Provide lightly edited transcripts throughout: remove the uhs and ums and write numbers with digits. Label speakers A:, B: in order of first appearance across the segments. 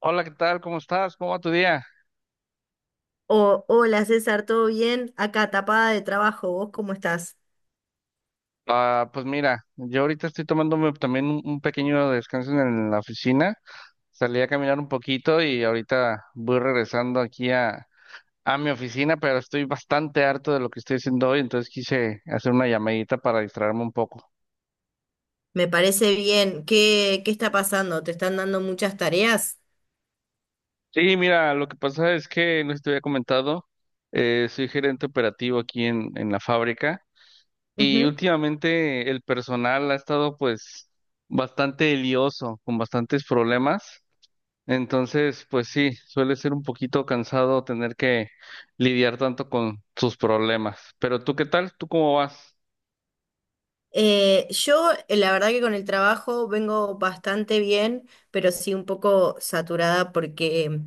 A: Hola, ¿qué tal? ¿Cómo estás? ¿Cómo va tu día?
B: O, hola César, ¿todo bien? Acá tapada de trabajo, ¿vos cómo estás?
A: Ah, pues mira, yo ahorita estoy tomándome también un pequeño descanso en la oficina. Salí a caminar un poquito y ahorita voy regresando aquí a mi oficina, pero estoy bastante harto de lo que estoy haciendo hoy, entonces quise hacer una llamadita para distraerme un poco.
B: Me parece bien. ¿Qué está pasando? ¿Te están dando muchas tareas?
A: Sí, mira, lo que pasa es que, no sé si te había comentado, soy gerente operativo aquí en la fábrica y
B: Ujú.
A: últimamente el personal ha estado pues bastante lioso, con bastantes problemas. Entonces, pues sí, suele ser un poquito cansado tener que lidiar tanto con sus problemas. Pero tú, ¿qué tal? ¿Tú cómo vas?
B: La verdad que con el trabajo vengo bastante bien, pero sí un poco saturada porque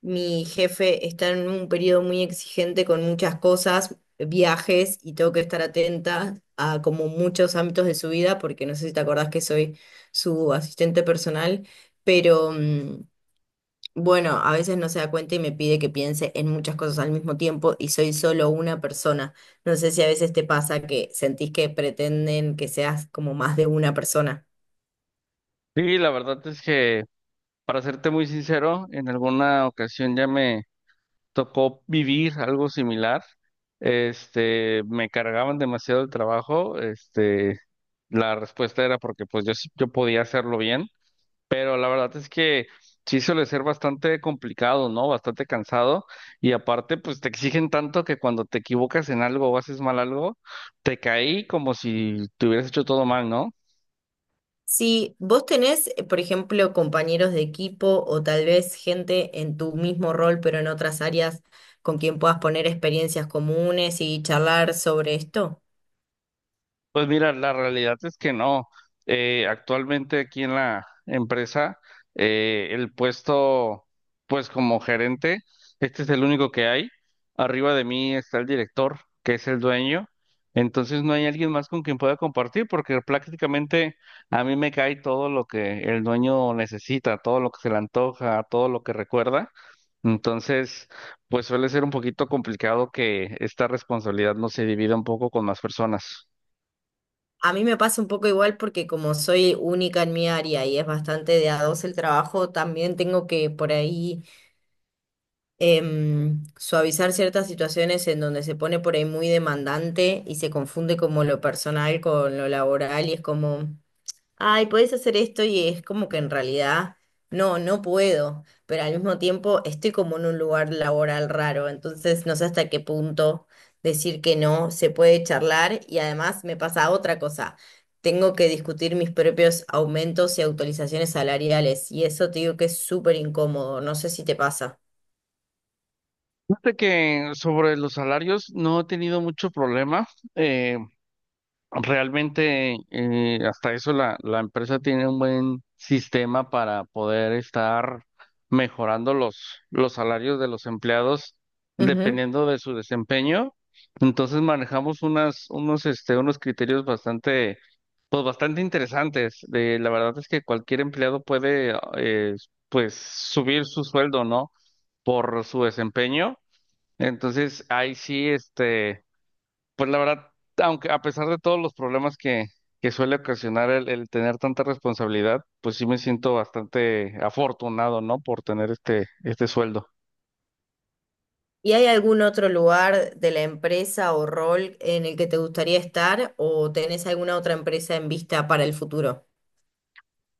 B: mi jefe está en un periodo muy exigente con muchas cosas, viajes, y tengo que estar atenta a como muchos ámbitos de su vida, porque no sé si te acordás que soy su asistente personal, pero... mm, bueno, a veces no se da cuenta y me pide que piense en muchas cosas al mismo tiempo y soy solo una persona. No sé si a veces te pasa que sentís que pretenden que seas como más de una persona.
A: Sí, la verdad es que, para serte muy sincero, en alguna ocasión ya me tocó vivir algo similar. Este, me cargaban demasiado el trabajo. Este, la respuesta era porque pues yo, yo podía hacerlo bien. Pero la verdad es que sí suele ser bastante complicado, ¿no? Bastante cansado. Y aparte, pues te exigen tanto que cuando te equivocas en algo o haces mal algo, te caí como si te hubieras hecho todo mal, ¿no?
B: Si vos tenés, por ejemplo, compañeros de equipo o tal vez gente en tu mismo rol, pero en otras áreas con quien puedas poner experiencias comunes y charlar sobre esto.
A: Pues mira, la realidad es que no. Actualmente aquí en la empresa, el puesto, pues como gerente, este es el único que hay. Arriba de mí está el director, que es el dueño. Entonces no hay alguien más con quien pueda compartir, porque prácticamente a mí me cae todo lo que el dueño necesita, todo lo que se le antoja, todo lo que recuerda. Entonces, pues suele ser un poquito complicado que esta responsabilidad no se divida un poco con más personas.
B: A mí me pasa un poco igual porque como soy única en mi área y es bastante de a dos el trabajo, también tengo que por ahí suavizar ciertas situaciones en donde se pone por ahí muy demandante y se confunde como lo personal con lo laboral y es como, ay, podés hacer esto y es como que en realidad no puedo, pero al mismo tiempo estoy como en un lugar laboral raro, entonces no sé hasta qué punto decir que no se puede charlar y además me pasa otra cosa. Tengo que discutir mis propios aumentos y actualizaciones salariales, y eso te digo que es súper incómodo. No sé si te pasa.
A: Fíjate que sobre los salarios no he tenido mucho problema. Eh, realmente hasta eso la empresa tiene un buen sistema para poder estar mejorando los salarios de los empleados dependiendo de su desempeño. Entonces manejamos unos criterios bastante, pues bastante interesantes. De, la verdad es que cualquier empleado puede pues subir su sueldo, ¿no? Por su desempeño. Entonces, ahí sí, este, pues la verdad, aunque a pesar de todos los problemas que suele ocasionar el tener tanta responsabilidad, pues sí me siento bastante afortunado, ¿no? Por tener este, este sueldo.
B: ¿Y hay algún otro lugar de la empresa o rol en el que te gustaría estar o tenés alguna otra empresa en vista para el futuro?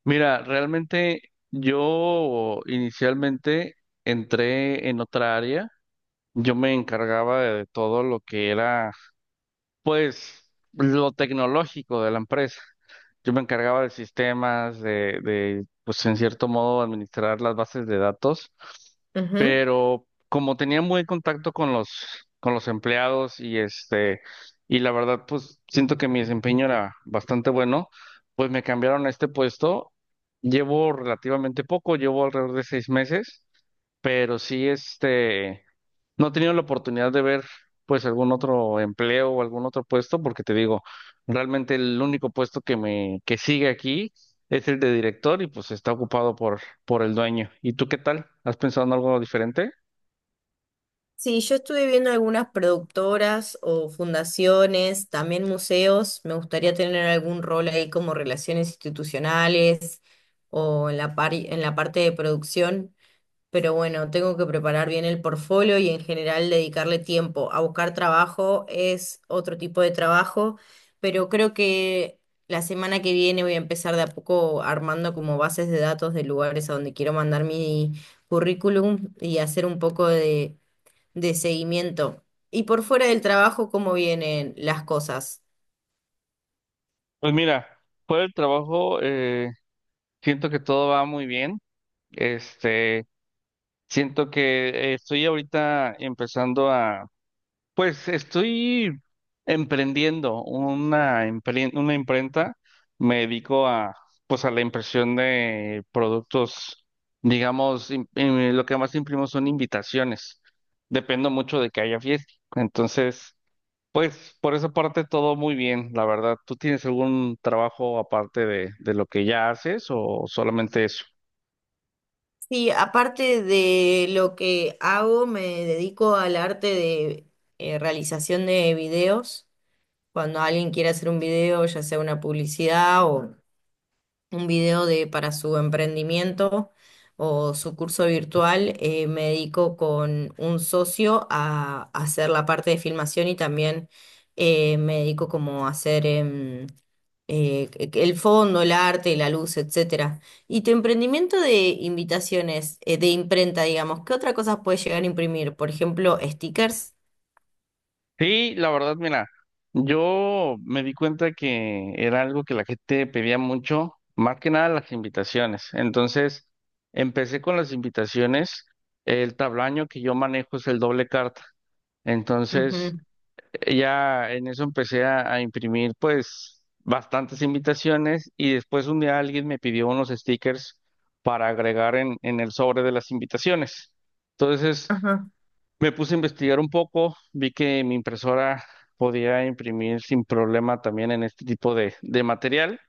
A: Mira, realmente yo inicialmente entré en otra área. Yo me encargaba de todo lo que era, pues, lo tecnológico de la empresa. Yo me encargaba de sistemas, pues, en cierto modo, administrar las bases de datos.
B: Ujú.
A: Pero como tenía muy contacto con con los empleados y este, y la verdad, pues siento que mi desempeño era bastante bueno, pues me cambiaron a este puesto. Llevo relativamente poco, llevo alrededor de 6 meses, pero sí, este, no he tenido la oportunidad de ver pues algún otro empleo o algún otro puesto, porque te digo, realmente el único puesto que que sigue aquí es el de director y pues está ocupado por el dueño. ¿Y tú qué tal? ¿Has pensado en algo diferente?
B: Sí, yo estuve viendo algunas productoras o fundaciones, también museos. Me gustaría tener algún rol ahí como relaciones institucionales o en en la parte de producción. Pero bueno, tengo que preparar bien el portfolio y en general dedicarle tiempo. A buscar trabajo es otro tipo de trabajo, pero creo que la semana que viene voy a empezar de a poco armando como bases de datos de lugares a donde quiero mandar mi currículum y hacer un poco de seguimiento. Y por fuera del trabajo, ¿cómo vienen las cosas?
A: Pues mira, por el trabajo, siento que todo va muy bien. Este, siento que estoy ahorita empezando. Pues estoy emprendiendo una imprenta. Me dedico a, pues a la impresión de productos, digamos, lo que más imprimo son invitaciones. Dependo mucho de que haya fiesta. Entonces, pues por esa parte todo muy bien, la verdad. ¿Tú tienes algún trabajo aparte de lo que ya haces o solamente eso?
B: Sí, aparte de lo que hago, me dedico al arte de realización de videos. Cuando alguien quiere hacer un video, ya sea una publicidad o un video para su emprendimiento o su curso virtual, me dedico con un socio a hacer la parte de filmación y también me dedico como a hacer el fondo, el arte, la luz, etcétera. Y tu emprendimiento de invitaciones, de imprenta, digamos, ¿qué otra cosa puedes llegar a imprimir? Por ejemplo, stickers.
A: Sí, la verdad, mira, yo me di cuenta que era algo que la gente pedía mucho, más que nada las invitaciones. Entonces, empecé con las invitaciones. El tablaño que yo manejo es el doble carta. Entonces,
B: Ujú.
A: ya en eso empecé a imprimir, pues, bastantes invitaciones y después un día alguien me pidió unos stickers para agregar en el sobre de las invitaciones. Entonces,
B: Ajá.
A: me puse a investigar un poco, vi que mi impresora podía imprimir sin problema también en este tipo de material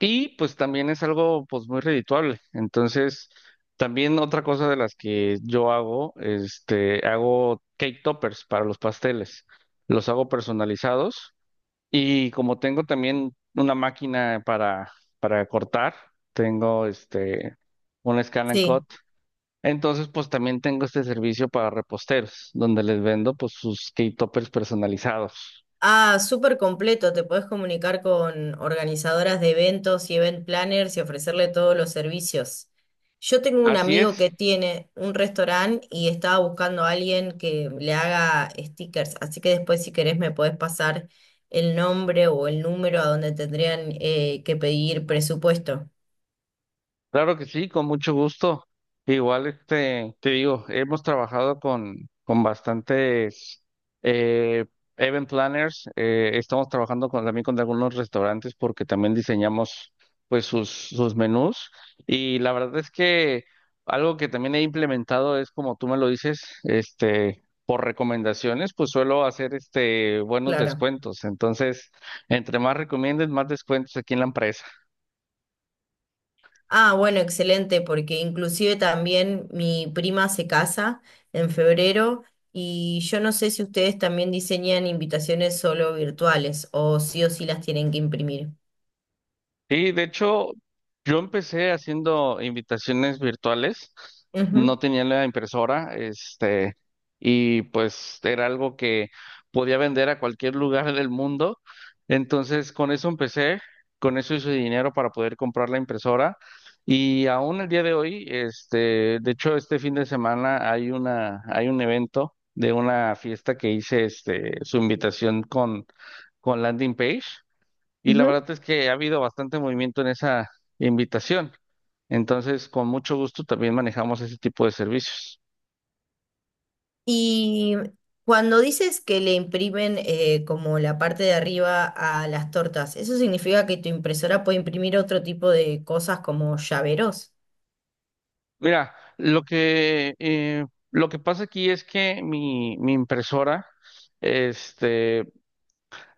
A: y pues también es algo pues muy redituable. Entonces, también otra cosa de las que yo hago, este, hago cake toppers para los pasteles. Los hago personalizados y como tengo también una máquina para cortar, tengo este, un scan and cut.
B: Sí.
A: Entonces, pues también tengo este servicio para reposteros, donde les vendo pues sus cake toppers personalizados.
B: Ah, súper completo. Te podés comunicar con organizadoras de eventos y event planners y ofrecerle todos los servicios. Yo tengo un
A: Así
B: amigo
A: es.
B: que tiene un restaurante y estaba buscando a alguien que le haga stickers. Así que después, si querés, me podés pasar el nombre o el número a donde tendrían que pedir presupuesto.
A: Claro que sí, con mucho gusto. Igual, este, te digo, hemos trabajado con bastantes eh, event planners. Eh, estamos trabajando también con algunos restaurantes porque también diseñamos pues sus menús. Y la verdad es que algo que también he implementado es, como tú me lo dices, este, por recomendaciones, pues suelo hacer este, buenos
B: Claro.
A: descuentos. Entonces, entre más recomienden, más descuentos aquí en la empresa.
B: Ah, bueno, excelente, porque inclusive también mi prima se casa en febrero y yo no sé si ustedes también diseñan invitaciones solo virtuales o sí las tienen que imprimir.
A: Sí, de hecho, yo empecé haciendo invitaciones virtuales,
B: Ujú.
A: no tenía la impresora, este, y pues era algo que podía vender a cualquier lugar del mundo. Entonces, con eso empecé, con eso hice dinero para poder comprar la impresora. Y aún el día de hoy, este, de hecho, este fin de semana hay una, hay un evento de una fiesta que hice, este, su invitación con landing page. Y la
B: Ujú.
A: verdad es que ha habido bastante movimiento en esa invitación. Entonces, con mucho gusto también manejamos ese tipo de servicios.
B: Y cuando dices que le imprimen como la parte de arriba a las tortas, ¿eso significa que tu impresora puede imprimir otro tipo de cosas como llaveros?
A: Mira, lo que pasa aquí es que mi impresora, este,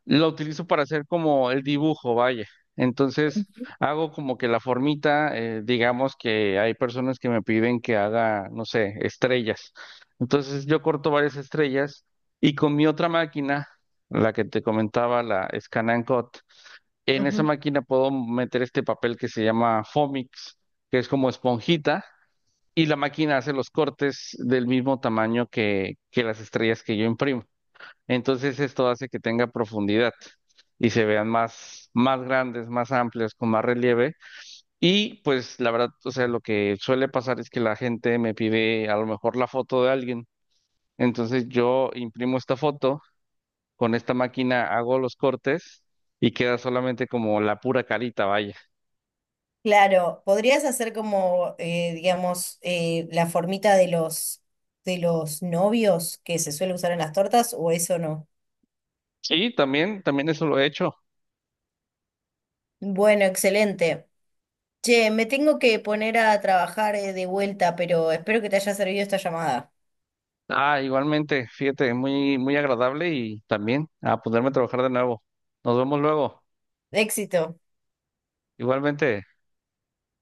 A: lo utilizo para hacer como el dibujo, vaya. Entonces, hago como que la formita, digamos que hay personas que me piden que haga, no sé, estrellas. Entonces, yo corto varias estrellas y con mi otra máquina, la que te comentaba, la Scan and Cut, en esa máquina puedo meter este papel que se llama Fomix, que es como esponjita, y la máquina hace los cortes del mismo tamaño que las estrellas que yo imprimo. Entonces esto hace que tenga profundidad y se vean más, más grandes, más amplias, con más relieve. Y pues la verdad, o sea, lo que suele pasar es que la gente me pide a lo mejor la foto de alguien. Entonces yo imprimo esta foto, con esta máquina hago los cortes y queda solamente como la pura carita, vaya.
B: Claro, podrías hacer como, digamos, la formita de de los novios que se suele usar en las tortas, o eso no.
A: Sí, también, también eso lo he hecho.
B: Bueno, excelente. Che, me tengo que poner a trabajar, de vuelta, pero espero que te haya servido esta llamada.
A: Ah, igualmente, fíjate, muy, muy agradable y también a ponerme a trabajar de nuevo. Nos vemos luego.
B: Éxito.
A: Igualmente.